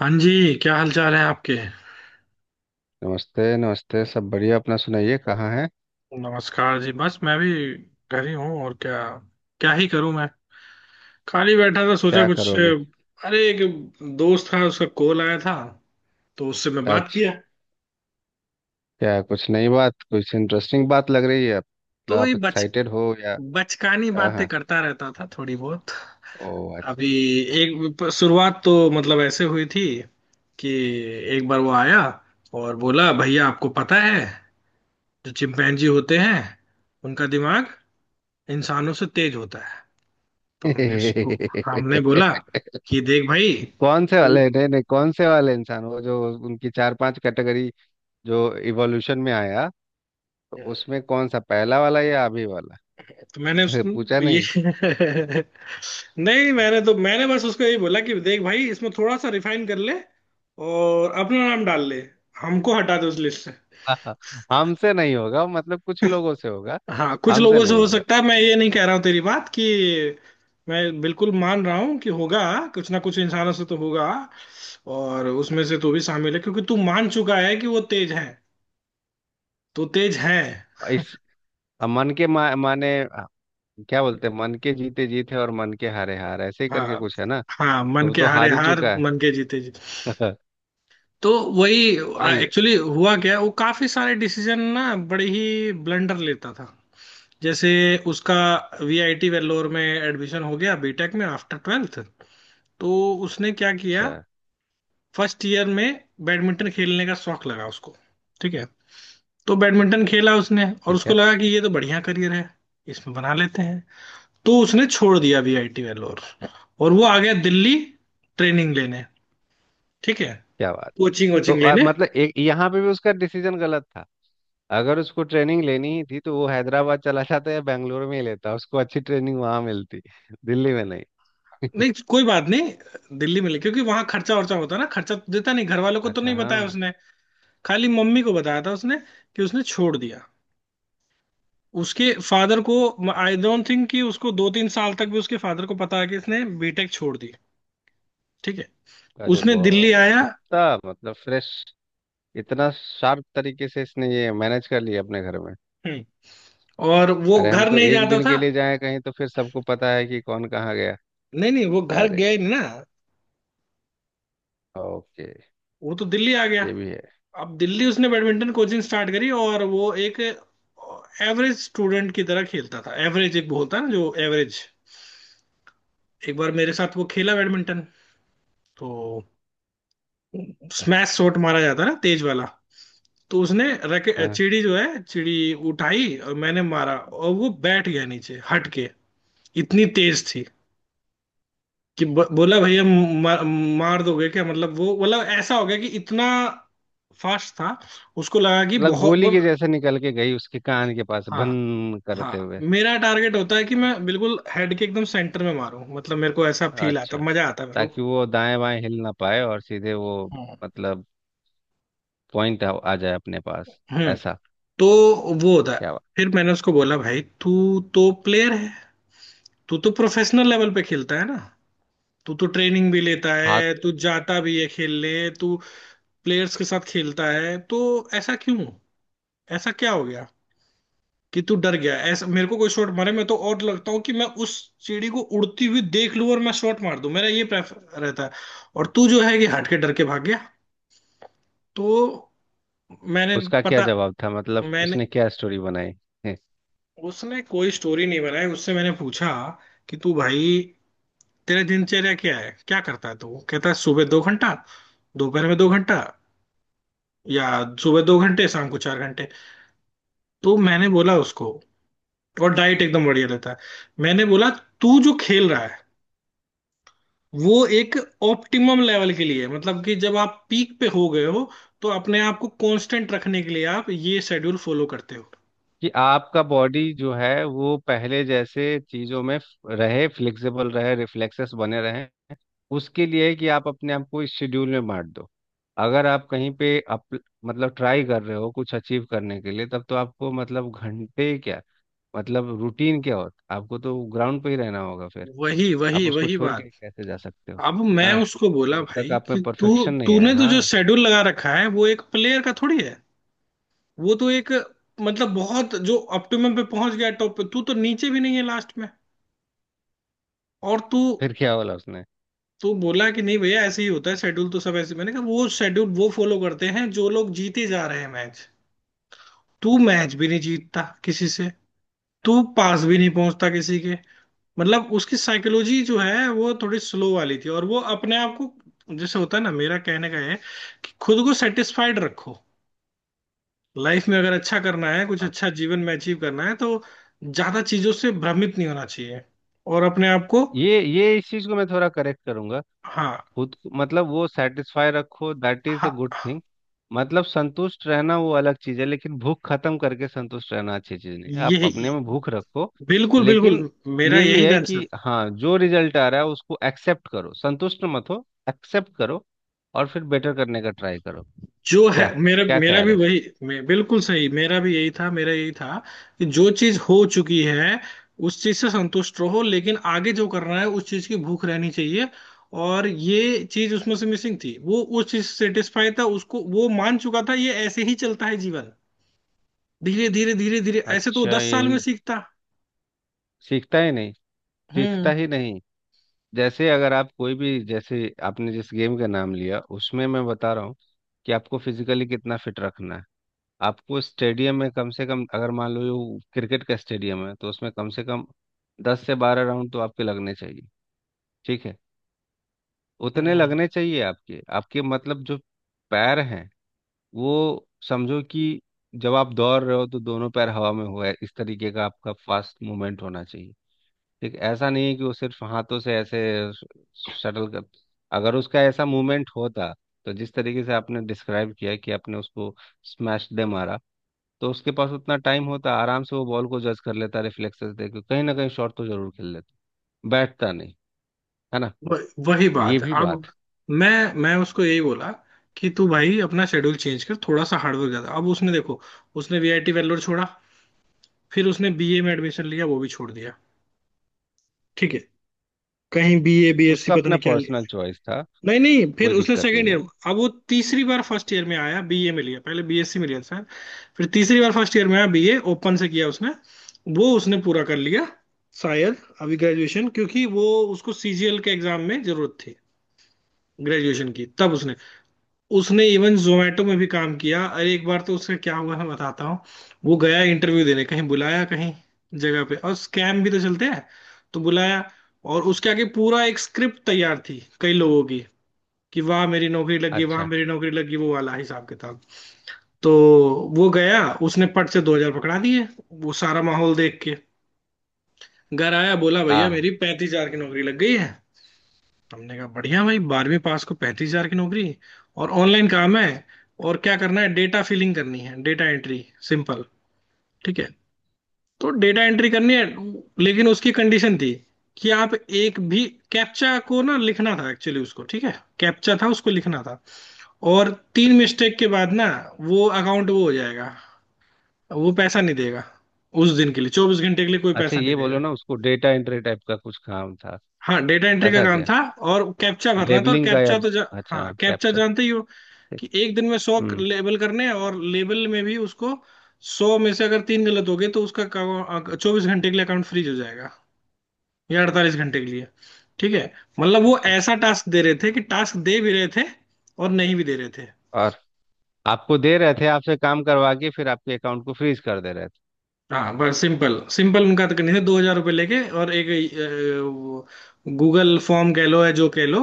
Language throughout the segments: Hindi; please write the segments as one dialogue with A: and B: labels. A: हाँ जी। क्या हाल चाल है आपके?
B: नमस्ते, नमस्ते। सब बढ़िया। अपना सुनाइए, कहाँ है,
A: नमस्कार जी, बस मैं भी घर ही हूँ, और क्या। क्या ही करूँ मैं, खाली बैठा था, सोचा
B: क्या
A: कुछ।
B: करोगे
A: अरे एक दोस्त था, उसका कॉल आया था, तो उससे मैं बात
B: आज?
A: किया।
B: क्या कुछ नई बात, कुछ इंटरेस्टिंग बात लग रही है। आप मतलब
A: तो ये
B: आप
A: बच
B: एक्साइटेड हो या?
A: बचकानी
B: हाँ
A: बातें
B: हाँ
A: करता रहता था थोड़ी बहुत।
B: ओ,
A: अभी
B: अच्छा।
A: एक शुरुआत तो मतलब ऐसे हुई थी कि एक बार वो आया और बोला, भैया, आपको पता है जो चिंपैंजी होते हैं उनका दिमाग इंसानों से तेज होता है। तो हमने उसको हमने बोला कि देख भाई।
B: कौन से वाले? नहीं नहीं, कौन से वाले इंसान? वो जो उनकी चार पांच कैटेगरी जो इवोल्यूशन में आया, तो उसमें कौन सा, पहला वाला या अभी वाला?
A: तो मैंने उस
B: पूछा
A: ये
B: नहीं।
A: नहीं, मैंने बस उसको यही बोला कि देख भाई, इसमें थोड़ा सा रिफाइन कर ले और अपना नाम डाल ले, हमको हटा दे उस लिस्ट से।
B: हाँ, हमसे नहीं होगा, मतलब कुछ लोगों से होगा,
A: हाँ, कुछ
B: हमसे
A: लोगों से
B: नहीं
A: हो
B: होगा।
A: सकता है। मैं ये नहीं कह रहा हूँ तेरी बात कि मैं बिल्कुल मान रहा हूँ कि होगा, कुछ ना कुछ इंसानों से तो होगा। और उसमें से तू भी शामिल है क्योंकि तू मान चुका है कि वो तेज है, तो तेज है।
B: इस मन के मा, माने क्या बोलते हैं, मन के जीते जीत है और मन के हारे हार, ऐसे ही करके
A: हाँ,
B: कुछ है ना?
A: हाँ, मन
B: तो वो
A: के
B: तो
A: हारे
B: हार ही
A: हार,
B: चुका है।
A: मन के जीते जीत। तो वही।
B: सही है।
A: एक्चुअली हुआ क्या, वो काफी सारे डिसीजन ना, बड़े ही ब्लंडर लेता था। जैसे उसका वीआईटी वेल्लोर में एडमिशन हो गया बीटेक में, आफ्टर ट्वेल्थ। तो उसने क्या किया,
B: अच्छा।
A: फर्स्ट ईयर में बैडमिंटन खेलने का शौक लगा उसको। ठीक है, तो बैडमिंटन खेला उसने और
B: ठीक
A: उसको
B: है।
A: लगा कि ये तो बढ़िया करियर है, इसमें बना लेते हैं। तो उसने छोड़ दिया वीआईटी वेल्लोर और वो आ गया दिल्ली ट्रेनिंग लेने। ठीक है,
B: क्या बात!
A: कोचिंग
B: तो
A: वोचिंग लेने।
B: मतलब एक यहाँ पे भी उसका डिसीजन गलत था। अगर उसको ट्रेनिंग लेनी ही थी तो वो हैदराबाद चला जाता या बेंगलोर में ही लेता, उसको अच्छी ट्रेनिंग वहां मिलती, दिल्ली में नहीं।
A: नहीं, कोई बात नहीं, दिल्ली में ले, क्योंकि वहां खर्चा वर्चा होता है ना, खर्चा तो देता नहीं, घर वालों को तो
B: अच्छा,
A: नहीं बताया
B: हाँ।
A: उसने। खाली मम्मी को बताया था उसने कि उसने छोड़ दिया। उसके फादर को, आई डोंट थिंक कि उसको 2 3 साल तक भी उसके फादर को पता है कि इसने बीटेक छोड़ दी। ठीक है,
B: अरे
A: उसने दिल्ली
B: बाप रे!
A: आया।
B: इतना मतलब फ्रेश, इतना शार्प तरीके से इसने ये मैनेज कर लिया अपने घर में।
A: हम्म, और वो
B: अरे, हम
A: घर
B: तो
A: नहीं
B: एक
A: जाता
B: दिन के
A: था।
B: लिए जाए कहीं तो फिर सबको पता है कि कौन कहाँ गया।
A: नहीं नहीं, वो घर
B: अरे,
A: गया ही नहीं ना,
B: ओके,
A: वो तो दिल्ली आ गया।
B: ये भी है।
A: अब दिल्ली उसने बैडमिंटन कोचिंग स्टार्ट करी और वो एक एवरेज स्टूडेंट की तरह खेलता था। एवरेज एक वो होता है ना, जो एवरेज। एक बार मेरे साथ वो खेला बैडमिंटन, तो स्मैश शॉट मारा जाता है ना, तेज वाला। तो उसने रैके,
B: हाँ।
A: चिड़ी जो है चिड़ी उठाई और मैंने मारा, और वो बैठ गया नीचे हट के। इतनी तेज थी कि बोला भैया मार, मार दोगे क्या। मतलब वो मतलब ऐसा हो गया कि इतना फास्ट था, उसको लगा कि
B: मतलब
A: बहुत
B: गोली के
A: बोल।
B: जैसे निकल के गई उसके कान के पास,
A: हाँ,
B: भन करते
A: हाँ,
B: हुए।
A: मेरा टारगेट होता है कि मैं बिल्कुल हेड के एकदम सेंटर में मारूं। मतलब मेरे को ऐसा फील आता,
B: अच्छा,
A: मजा आता है मेरे
B: ताकि
A: को।
B: वो दाएं बाएं हिल ना पाए और सीधे वो,
A: हम्म,
B: मतलब पॉइंट आ जाए अपने पास,
A: हम्म।
B: ऐसा।
A: तो वो होता है।
B: क्या हुआ?
A: फिर मैंने उसको बोला, भाई, तू तो प्लेयर है, तू तो प्रोफेशनल लेवल पे खेलता है ना, तू तो ट्रेनिंग भी लेता
B: हाथ।
A: है, तू जाता भी है खेलने, तू प्लेयर्स के साथ खेलता है, तो ऐसा क्यों, ऐसा क्या हो गया कि तू डर गया। ऐसा मेरे को कोई शॉट मारे, मैं तो और लगता हूँ कि मैं उस सीढ़ी को उड़ती हुई देख लूं और मैं शॉट मार दूं, मेरा ये प्रेफर रहता है। और तू जो है कि हट के डर के भाग गया। तो मैंने
B: उसका क्या
A: पता
B: जवाब था, मतलब
A: मैंने
B: उसने क्या स्टोरी बनाई है?
A: उसने कोई स्टोरी नहीं बनाई। उससे मैंने पूछा कि तू भाई, तेरा दिनचर्या क्या है, क्या करता है तू। वो कहता है, सुबह 2 घंटा, दोपहर में 2 घंटा, या सुबह 2 घंटे, शाम को 4 घंटे। तो मैंने बोला उसको, और डाइट एकदम बढ़िया लेता है। मैंने बोला, तू जो खेल रहा है वो एक ऑप्टिमम लेवल के लिए है। मतलब कि जब आप पीक पे हो गए हो तो अपने आप को कांस्टेंट रखने के लिए आप ये शेड्यूल फॉलो करते हो।
B: कि आपका बॉडी जो है वो पहले जैसे चीजों में रहे, फ्लेक्सिबल रहे, रिफ्लेक्सेस बने रहे, उसके लिए है कि आप अपने आप को इस शेड्यूल में बांट दो। अगर आप कहीं पे मतलब ट्राई कर रहे हो कुछ अचीव करने के लिए, तब तो आपको, मतलब घंटे क्या, मतलब रूटीन क्या हो, आपको तो ग्राउंड पे ही रहना होगा फिर।
A: वही
B: आप
A: वही
B: उसको
A: वही
B: छोड़
A: बात।
B: के कैसे जा सकते हो?
A: अब
B: है
A: मैं
B: ना?
A: उसको बोला
B: जब
A: भाई
B: तक आप में
A: कि तू,
B: परफेक्शन नहीं आए।
A: तूने तो जो
B: हाँ,
A: शेड्यूल लगा रखा है वो एक प्लेयर का थोड़ी है। वो तो एक मतलब बहुत जो ऑप्टिमम पे पहुंच गया टॉप पे, तू तो नीचे भी नहीं है लास्ट में। और तू,
B: फिर क्या बोला उसने?
A: तू बोला कि नहीं भैया, ऐसे ही होता है शेड्यूल तो सब ऐसे। मैंने कहा, वो शेड्यूल वो फॉलो करते हैं जो लोग जीते जा रहे हैं मैच, तू मैच भी नहीं जीतता किसी से, तू पास भी नहीं पहुंचता किसी के। मतलब उसकी साइकोलॉजी जो है वो थोड़ी स्लो वाली थी, और वो अपने आप को जैसे होता है ना, मेरा कहने का है कि खुद को सेटिस्फाइड रखो। लाइफ में अगर अच्छा करना है, कुछ
B: हाँ,
A: अच्छा जीवन में अचीव करना है, तो ज्यादा चीजों से भ्रमित नहीं होना चाहिए और अपने आप को।
B: ये इस चीज को मैं थोड़ा करेक्ट करूंगा।
A: हाँ,
B: खुद को- मतलब वो सेटिस्फाई रखो, दैट इज अ
A: हाँ,
B: गुड थिंग। मतलब संतुष्ट रहना वो अलग चीज है, लेकिन भूख खत्म करके संतुष्ट रहना अच्छी चीज नहीं है। आप
A: यही,
B: अपने में भूख रखो।
A: बिल्कुल बिल्कुल,
B: लेकिन
A: मेरा
B: ये भी
A: यही
B: है
A: कंसर्न
B: कि हाँ, जो रिजल्ट आ रहा है उसको एक्सेप्ट करो, संतुष्ट मत हो, एक्सेप्ट करो और फिर बेटर करने का ट्राई करो।
A: जो है।
B: क्या
A: मेरा
B: क्या
A: मेरा
B: ख्याल
A: भी
B: है इसका?
A: वही बिल्कुल सही, मेरा भी यही था, मेरा यही था कि जो चीज हो चुकी है उस चीज से संतुष्ट रहो, लेकिन आगे जो करना है उस चीज की भूख रहनी चाहिए। और ये चीज उसमें से मिसिंग थी, वो उस चीज से सेटिस्फाई था, उसको वो मान चुका था ये ऐसे ही चलता है जीवन, धीरे धीरे धीरे धीरे ऐसे तो वो
B: अच्छा,
A: 10 साल में
B: यही।
A: सीखता।
B: सीखता ही नहीं, सीखता
A: हम्म,
B: ही नहीं। जैसे अगर आप कोई भी, जैसे आपने जिस गेम का नाम लिया, उसमें मैं बता रहा हूँ कि आपको फिजिकली कितना फिट रखना है। आपको स्टेडियम में कम से कम, अगर मान लो ये क्रिकेट का स्टेडियम है, तो उसमें कम से कम 10 से 12 राउंड तो आपके लगने चाहिए। ठीक है?
A: हम्म,
B: उतने लगने चाहिए आपके, आपके मतलब जो पैर हैं, वो समझो कि जब आप दौड़ रहे हो तो दोनों पैर हवा में हुआ है, इस तरीके का आपका फास्ट मूवमेंट होना चाहिए। ठीक है? ऐसा नहीं है कि वो सिर्फ हाथों से ऐसे शटल कर। अगर उसका ऐसा मूवमेंट होता, तो जिस तरीके से आपने डिस्क्राइब किया कि आपने उसको स्मैश दे मारा, तो उसके पास उतना टाइम होता, आराम से वो बॉल को जज कर लेता, रिफ्लेक्सेस देख के कहीं ना कहीं शॉट तो जरूर खेल लेता, बैठता नहीं। है ना?
A: वही
B: ये
A: बात है
B: भी बात।
A: अब। मैं उसको यही बोला कि तू भाई अपना शेड्यूल चेंज कर, थोड़ा सा हार्डवर्क ज्यादा। अब उसने, देखो, उसने वीआईटी वेल्लोर छोड़ा, फिर उसने बीए में एडमिशन लिया, वो भी छोड़ दिया। ठीक है, कहीं बीए, बीएससी,
B: उसका
A: पता
B: अपना
A: नहीं क्या लिया।
B: पर्सनल चॉइस था,
A: नहीं नहीं, फिर
B: कोई
A: उसने
B: दिक्कत
A: सेकंड
B: नहीं
A: ईयर,
B: है।
A: अब वो तीसरी बार फर्स्ट ईयर में आया, बीए में लिया, पहले बीएससी में लिया था शायद। फिर तीसरी बार फर्स्ट ईयर में आया, बीए ओपन से किया उसने, वो उसने पूरा कर लिया शायद अभी ग्रेजुएशन, क्योंकि वो, उसको सीजीएल के एग्जाम में जरूरत थी ग्रेजुएशन की। तब उसने, उसने इवन जोमेटो में भी काम किया। अरे एक बार तो उसका क्या हुआ, मैं बताता हूँ, वो गया इंटरव्यू देने कहीं, बुलाया कहीं जगह पे, और स्कैम भी तो चलते हैं। तो बुलाया और उसके आगे पूरा एक स्क्रिप्ट तैयार थी कई लोगों की कि वाह मेरी नौकरी लगी, वाह
B: अच्छा।
A: मेरी नौकरी लगी, वो वाला हिसाब किताब। तो वो गया, उसने पट से 2 हज़ार पकड़ा दिए, वो सारा माहौल देख के। घर आया, बोला, भैया,
B: आ,
A: मेरी 35 हज़ार की नौकरी लग गई है। हमने कहा, बढ़िया भाई, 12वीं पास को 35 हज़ार की नौकरी, और ऑनलाइन काम है। और क्या करना है, डेटा फिलिंग करनी है, डेटा एंट्री, सिंपल। ठीक है, तो डेटा एंट्री करनी है, लेकिन उसकी कंडीशन थी कि आप एक भी कैप्चा को ना लिखना था एक्चुअली उसको। ठीक है, कैप्चा था उसको लिखना था। और 3 मिस्टेक के बाद ना, वो अकाउंट वो हो जाएगा, वो पैसा नहीं देगा, उस दिन के लिए, 24 घंटे के लिए कोई
B: अच्छा,
A: पैसा नहीं
B: ये
A: देगा।
B: बोलो ना, उसको डेटा एंट्री टाइप का कुछ काम था?
A: हाँ, डेटा एंट्री का
B: ऐसा
A: काम
B: क्या?
A: था, और कैप्चा भरना था और
B: लेबलिंग का या?
A: हाँ
B: अच्छा,
A: कैप्चा
B: कैप्चर।
A: जानते ही हो, कि एक दिन में सौ
B: हम्म।
A: लेबल करने हैं, और लेबल में भी उसको, 100 में से अगर 3 गलत हो गए तो उसका 24 घंटे के लिए अकाउंट फ्रीज हो जाएगा, या 48 घंटे के लिए। ठीक है, मतलब वो
B: अच्छा, अच्छा।
A: ऐसा टास्क दे रहे थे, कि टास्क दे भी रहे थे और नहीं भी दे रहे थे।
B: और आपको दे रहे थे, आपसे काम करवा के फिर आपके अकाउंट को फ्रीज कर दे रहे थे।
A: हाँ, बस सिंपल सिंपल, उनका तो करनी थी 2,000 रुपये लेके, और एक गूगल फॉर्म कह लो या जो कह लो,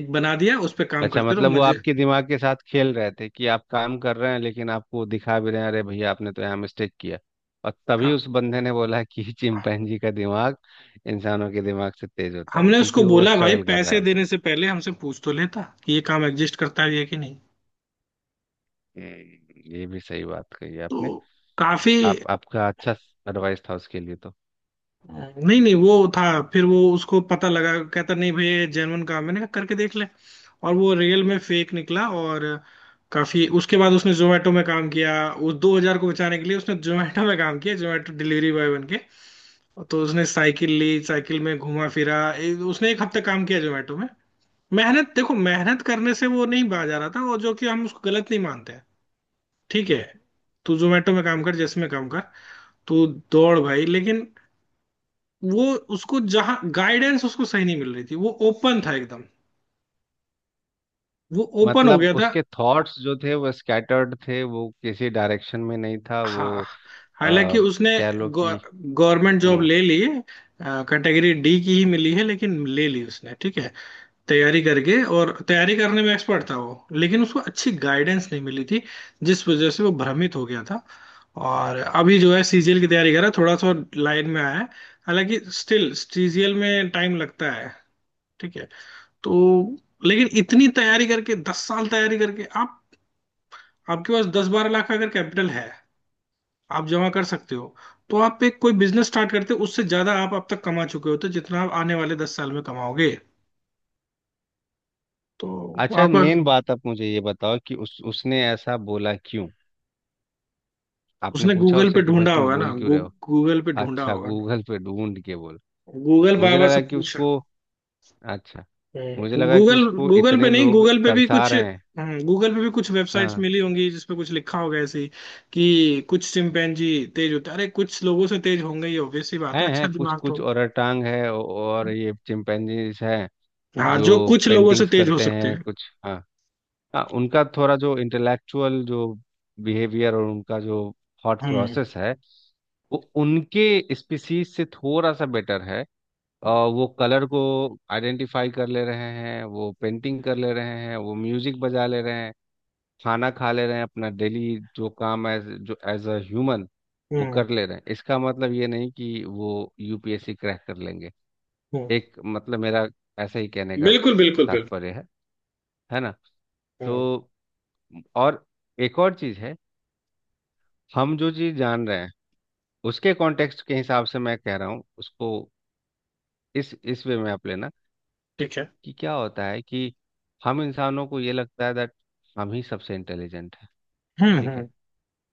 A: एक बना दिया उस पर काम
B: अच्छा,
A: करते रहो
B: मतलब वो
A: मजे।
B: आपके दिमाग के साथ खेल रहे थे कि आप काम कर रहे हैं लेकिन आपको दिखा भी रहे हैं अरे भैया आपने तो यहाँ मिस्टेक किया, और तभी
A: हाँ,
B: उस बंदे ने बोला कि चिंपैंजी का दिमाग इंसानों के दिमाग से तेज होता है,
A: हमने उसको
B: क्योंकि वो
A: बोला भाई,
B: स्ट्रगल कर रहा है
A: पैसे देने
B: बेचारा।
A: से पहले हमसे पूछ तो लेता कि ये काम एग्जिस्ट करता है या कि नहीं।
B: ये भी सही बात कही
A: तो
B: आपने।
A: काफी,
B: आप आपका अच्छा एडवाइस था उसके लिए तो।
A: नहीं नहीं वो था, फिर वो उसको पता लगा। कहता, नहीं भाई ये जेनवन काम है, मैंने कहा करके देख ले। और वो रियल में फेक निकला। और काफी उसके बाद उसने जोमेटो में काम किया, उस 2000 को बचाने के लिए उसने जोमेटो में काम किया, जोमेटो डिलीवरी बॉय बन के। तो उसने साइकिल ली, साइकिल में घुमा फिरा, उसने 1 हफ्ता काम किया जोमेटो में। मेहनत देखो, मेहनत करने से वो नहीं बाज आ रहा था, और जो कि हम उसको गलत नहीं मानते हैं। ठीक है, तू जोमेटो में काम कर, जिसमें काम कर, तू दौड़ भाई। लेकिन वो उसको जहां गाइडेंस उसको सही नहीं मिल रही थी, वो ओपन था एकदम, वो ओपन हो
B: मतलब
A: गया था।
B: उसके थॉट्स जो थे वो स्कैटर्ड थे, वो किसी डायरेक्शन में नहीं था
A: हाँ,
B: वो,
A: हालांकि
B: आ,
A: उसने
B: कह लो कि।
A: गवर्नमेंट जॉब
B: हम्म।
A: ले ली, कैटेगरी डी की ही मिली है लेकिन ले ली उसने। ठीक है, तैयारी करके, और तैयारी करने में एक्सपर्ट था वो, लेकिन उसको अच्छी गाइडेंस नहीं मिली थी जिस वजह से वो भ्रमित हो गया था। और अभी जो है सीजीएल की तैयारी कर रहा है, थोड़ा सा लाइन में आया है। हालांकि स्टिल सीजीएल में टाइम लगता है। ठीक है, तो लेकिन इतनी तैयारी करके, 10 साल तैयारी करके, आप, आपके पास 10 12 लाख का अगर कैपिटल है, आप जमा कर सकते हो, तो आप एक कोई बिजनेस स्टार्ट करते हो, उससे ज्यादा आप अब तक कमा चुके होते हो तो जितना आप आने वाले 10 साल में कमाओगे। तो
B: अच्छा,
A: आपका,
B: मेन बात आप मुझे ये बताओ कि उस उसने ऐसा बोला क्यों? आपने
A: उसने
B: पूछा
A: गूगल
B: उससे
A: पे
B: कि भाई
A: ढूंढा
B: तुम
A: होगा ना,
B: बोल क्यों रहे हो?
A: गूगल पे ढूंढा
B: अच्छा,
A: होगा ना,
B: गूगल पे ढूंढ के बोल।
A: गूगल
B: मुझे
A: बाबा से
B: लगा कि
A: पूछ।
B: उसको, अच्छा। मुझे लगा कि
A: गूगल
B: उसको
A: गूगल पे
B: इतने
A: नहीं,
B: लोग तरसा रहे हैं।
A: गूगल पे भी कुछ वेबसाइट्स
B: हाँ।
A: मिली होंगी जिसपे कुछ लिखा होगा ऐसे ही, कि कुछ चिंपैंजी तेज होते हैं। अरे कुछ लोगों से तेज होंगे, ये ऑब्वियस सी बात है,
B: हैं
A: अच्छा
B: हैं कुछ
A: दिमाग
B: कुछ
A: तो।
B: ओरांग है और ये चिंपैंजीज हैं
A: हाँ,
B: जो
A: जो कुछ लोगों से
B: पेंटिंग्स
A: तेज हो
B: करते
A: सकते
B: हैं
A: हैं।
B: कुछ, हाँ। हाँ, उनका थोड़ा जो इंटेलेक्चुअल जो बिहेवियर और उनका जो थॉट
A: हम्म,
B: प्रोसेस है, वो उनके स्पीसीज से थोड़ा सा बेटर है। और वो कलर को आइडेंटिफाई कर ले रहे हैं, वो पेंटिंग कर ले रहे हैं, वो म्यूजिक बजा ले रहे हैं, खाना खा ले रहे हैं अपना डेली, जो काम एज अ ह्यूमन वो
A: हम्म,
B: कर ले रहे हैं। इसका मतलब ये नहीं कि वो यूपीएससी क्रैक कर लेंगे।
A: हम्म।
B: एक, मतलब मेरा ऐसा ही कहने का
A: बिल्कुल, बिल्कुल, बिल्कुल।
B: तात्पर्य है। है ना?
A: हम्म,
B: तो, और एक और चीज़ है, हम जो चीज़ जान रहे हैं उसके कॉन्टेक्स्ट के हिसाब से मैं कह रहा हूँ उसको, इस वे में आप लेना।
A: ठीक है।
B: कि क्या होता है कि हम इंसानों को ये लगता है दैट हम ही सबसे इंटेलिजेंट है।
A: हम्म,
B: ठीक है?
A: हम्म।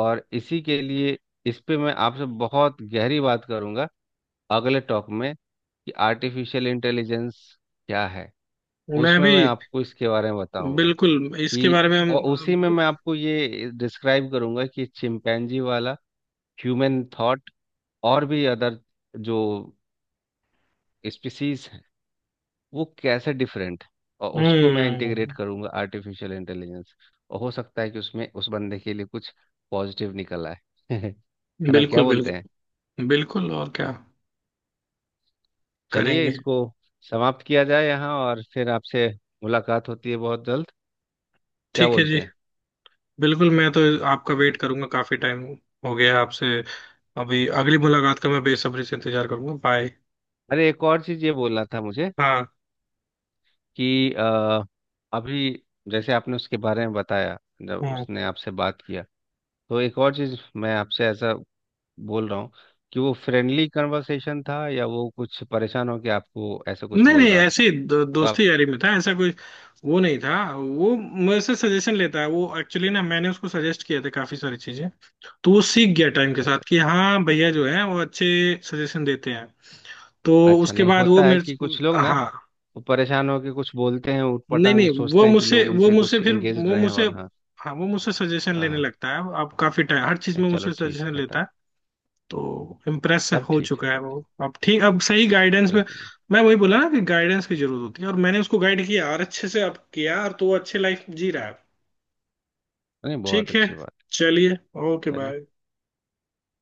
B: और इसी के लिए, इस पे मैं आपसे बहुत गहरी बात करूंगा अगले टॉक में, कि आर्टिफिशियल इंटेलिजेंस क्या है,
A: मैं
B: उसमें
A: भी,
B: मैं आपको इसके बारे में बताऊंगा
A: बिल्कुल इसके बारे
B: कि,
A: में
B: और
A: हम।
B: उसी में मैं आपको ये डिस्क्राइब करूंगा कि चिंपैंजी वाला ह्यूमन थॉट और भी अदर जो स्पीसीज, वो कैसे डिफरेंट, और उसको मैं इंटीग्रेट
A: हम्म।
B: करूंगा आर्टिफिशियल इंटेलिजेंस। और हो सकता है कि उसमें उस बंदे के लिए कुछ पॉजिटिव निकल आए। है ना, क्या
A: बिल्कुल,
B: बोलते हैं?
A: बिल्कुल, बिल्कुल, और क्या,
B: चलिए,
A: करेंगे।
B: इसको समाप्त किया जाए यहाँ, और फिर आपसे मुलाकात होती है बहुत जल्द। क्या
A: ठीक है
B: बोलते
A: जी।
B: हैं?
A: बिल्कुल, मैं तो आपका वेट
B: मिलते हैं।
A: करूंगा, काफी टाइम हो गया आपसे। अभी अगली मुलाकात का मैं बेसब्री से इंतजार करूंगा, बाय।
B: अरे, एक और चीज़ ये बोलना था मुझे
A: हाँ।
B: कि अभी जैसे आपने उसके बारे में बताया, जब
A: हाँ,
B: उसने आपसे बात किया, तो एक और चीज़ मैं आपसे ऐसा बोल रहा हूँ कि वो फ्रेंडली कन्वर्सेशन था या वो कुछ परेशान हो के आपको ऐसा कुछ
A: नहीं
B: बोल
A: नहीं,
B: रहा था?
A: ऐसे ही
B: तो
A: दोस्ती
B: आप,
A: यारी में था, ऐसा कोई वो नहीं था। वो मेरे से सजेशन लेता है, वो एक्चुअली ना, मैंने उसको सजेस्ट किया था काफी सारी चीजें, तो वो सीख गया टाइम के
B: अच्छा, अच्छा,
A: साथ कि
B: अच्छा।
A: हाँ भैया जो है वो अच्छे सजेशन देते हैं। तो
B: अच्छा,
A: उसके
B: नहीं
A: बाद वो
B: होता है कि
A: मेरे,
B: कुछ लोग ना,
A: हाँ,
B: वो परेशान होके कुछ बोलते हैं,
A: नहीं
B: ऊटपटांग
A: नहीं,
B: सोचते हैं कि लोग उनसे कुछ एंगेज
A: वो
B: रहे हैं?
A: मुझसे,
B: और हाँ।
A: हाँ, वो मुझसे सजेशन लेने
B: हाँ।
A: लगता है अब, काफी टाइम हर चीज
B: हाँ,
A: में
B: चलो
A: मुझसे
B: ठीक
A: सजेशन
B: है
A: लेता
B: तब।
A: है। तो इम्प्रेस
B: तब
A: हो
B: ठीक है,
A: चुका है
B: तब ठीक।
A: वो अब, ठीक, अब सही गाइडेंस में।
B: बिल्कुल बिल्कुल।
A: मैं वही बोला ना कि गाइडेंस की जरूरत होती है, और मैंने उसको गाइड किया, और अच्छे से अब किया और, तो वो अच्छे लाइफ जी रहा है।
B: नहीं, बहुत
A: ठीक है,
B: अच्छी बात।
A: चलिए, ओके
B: चलिए।
A: बाय।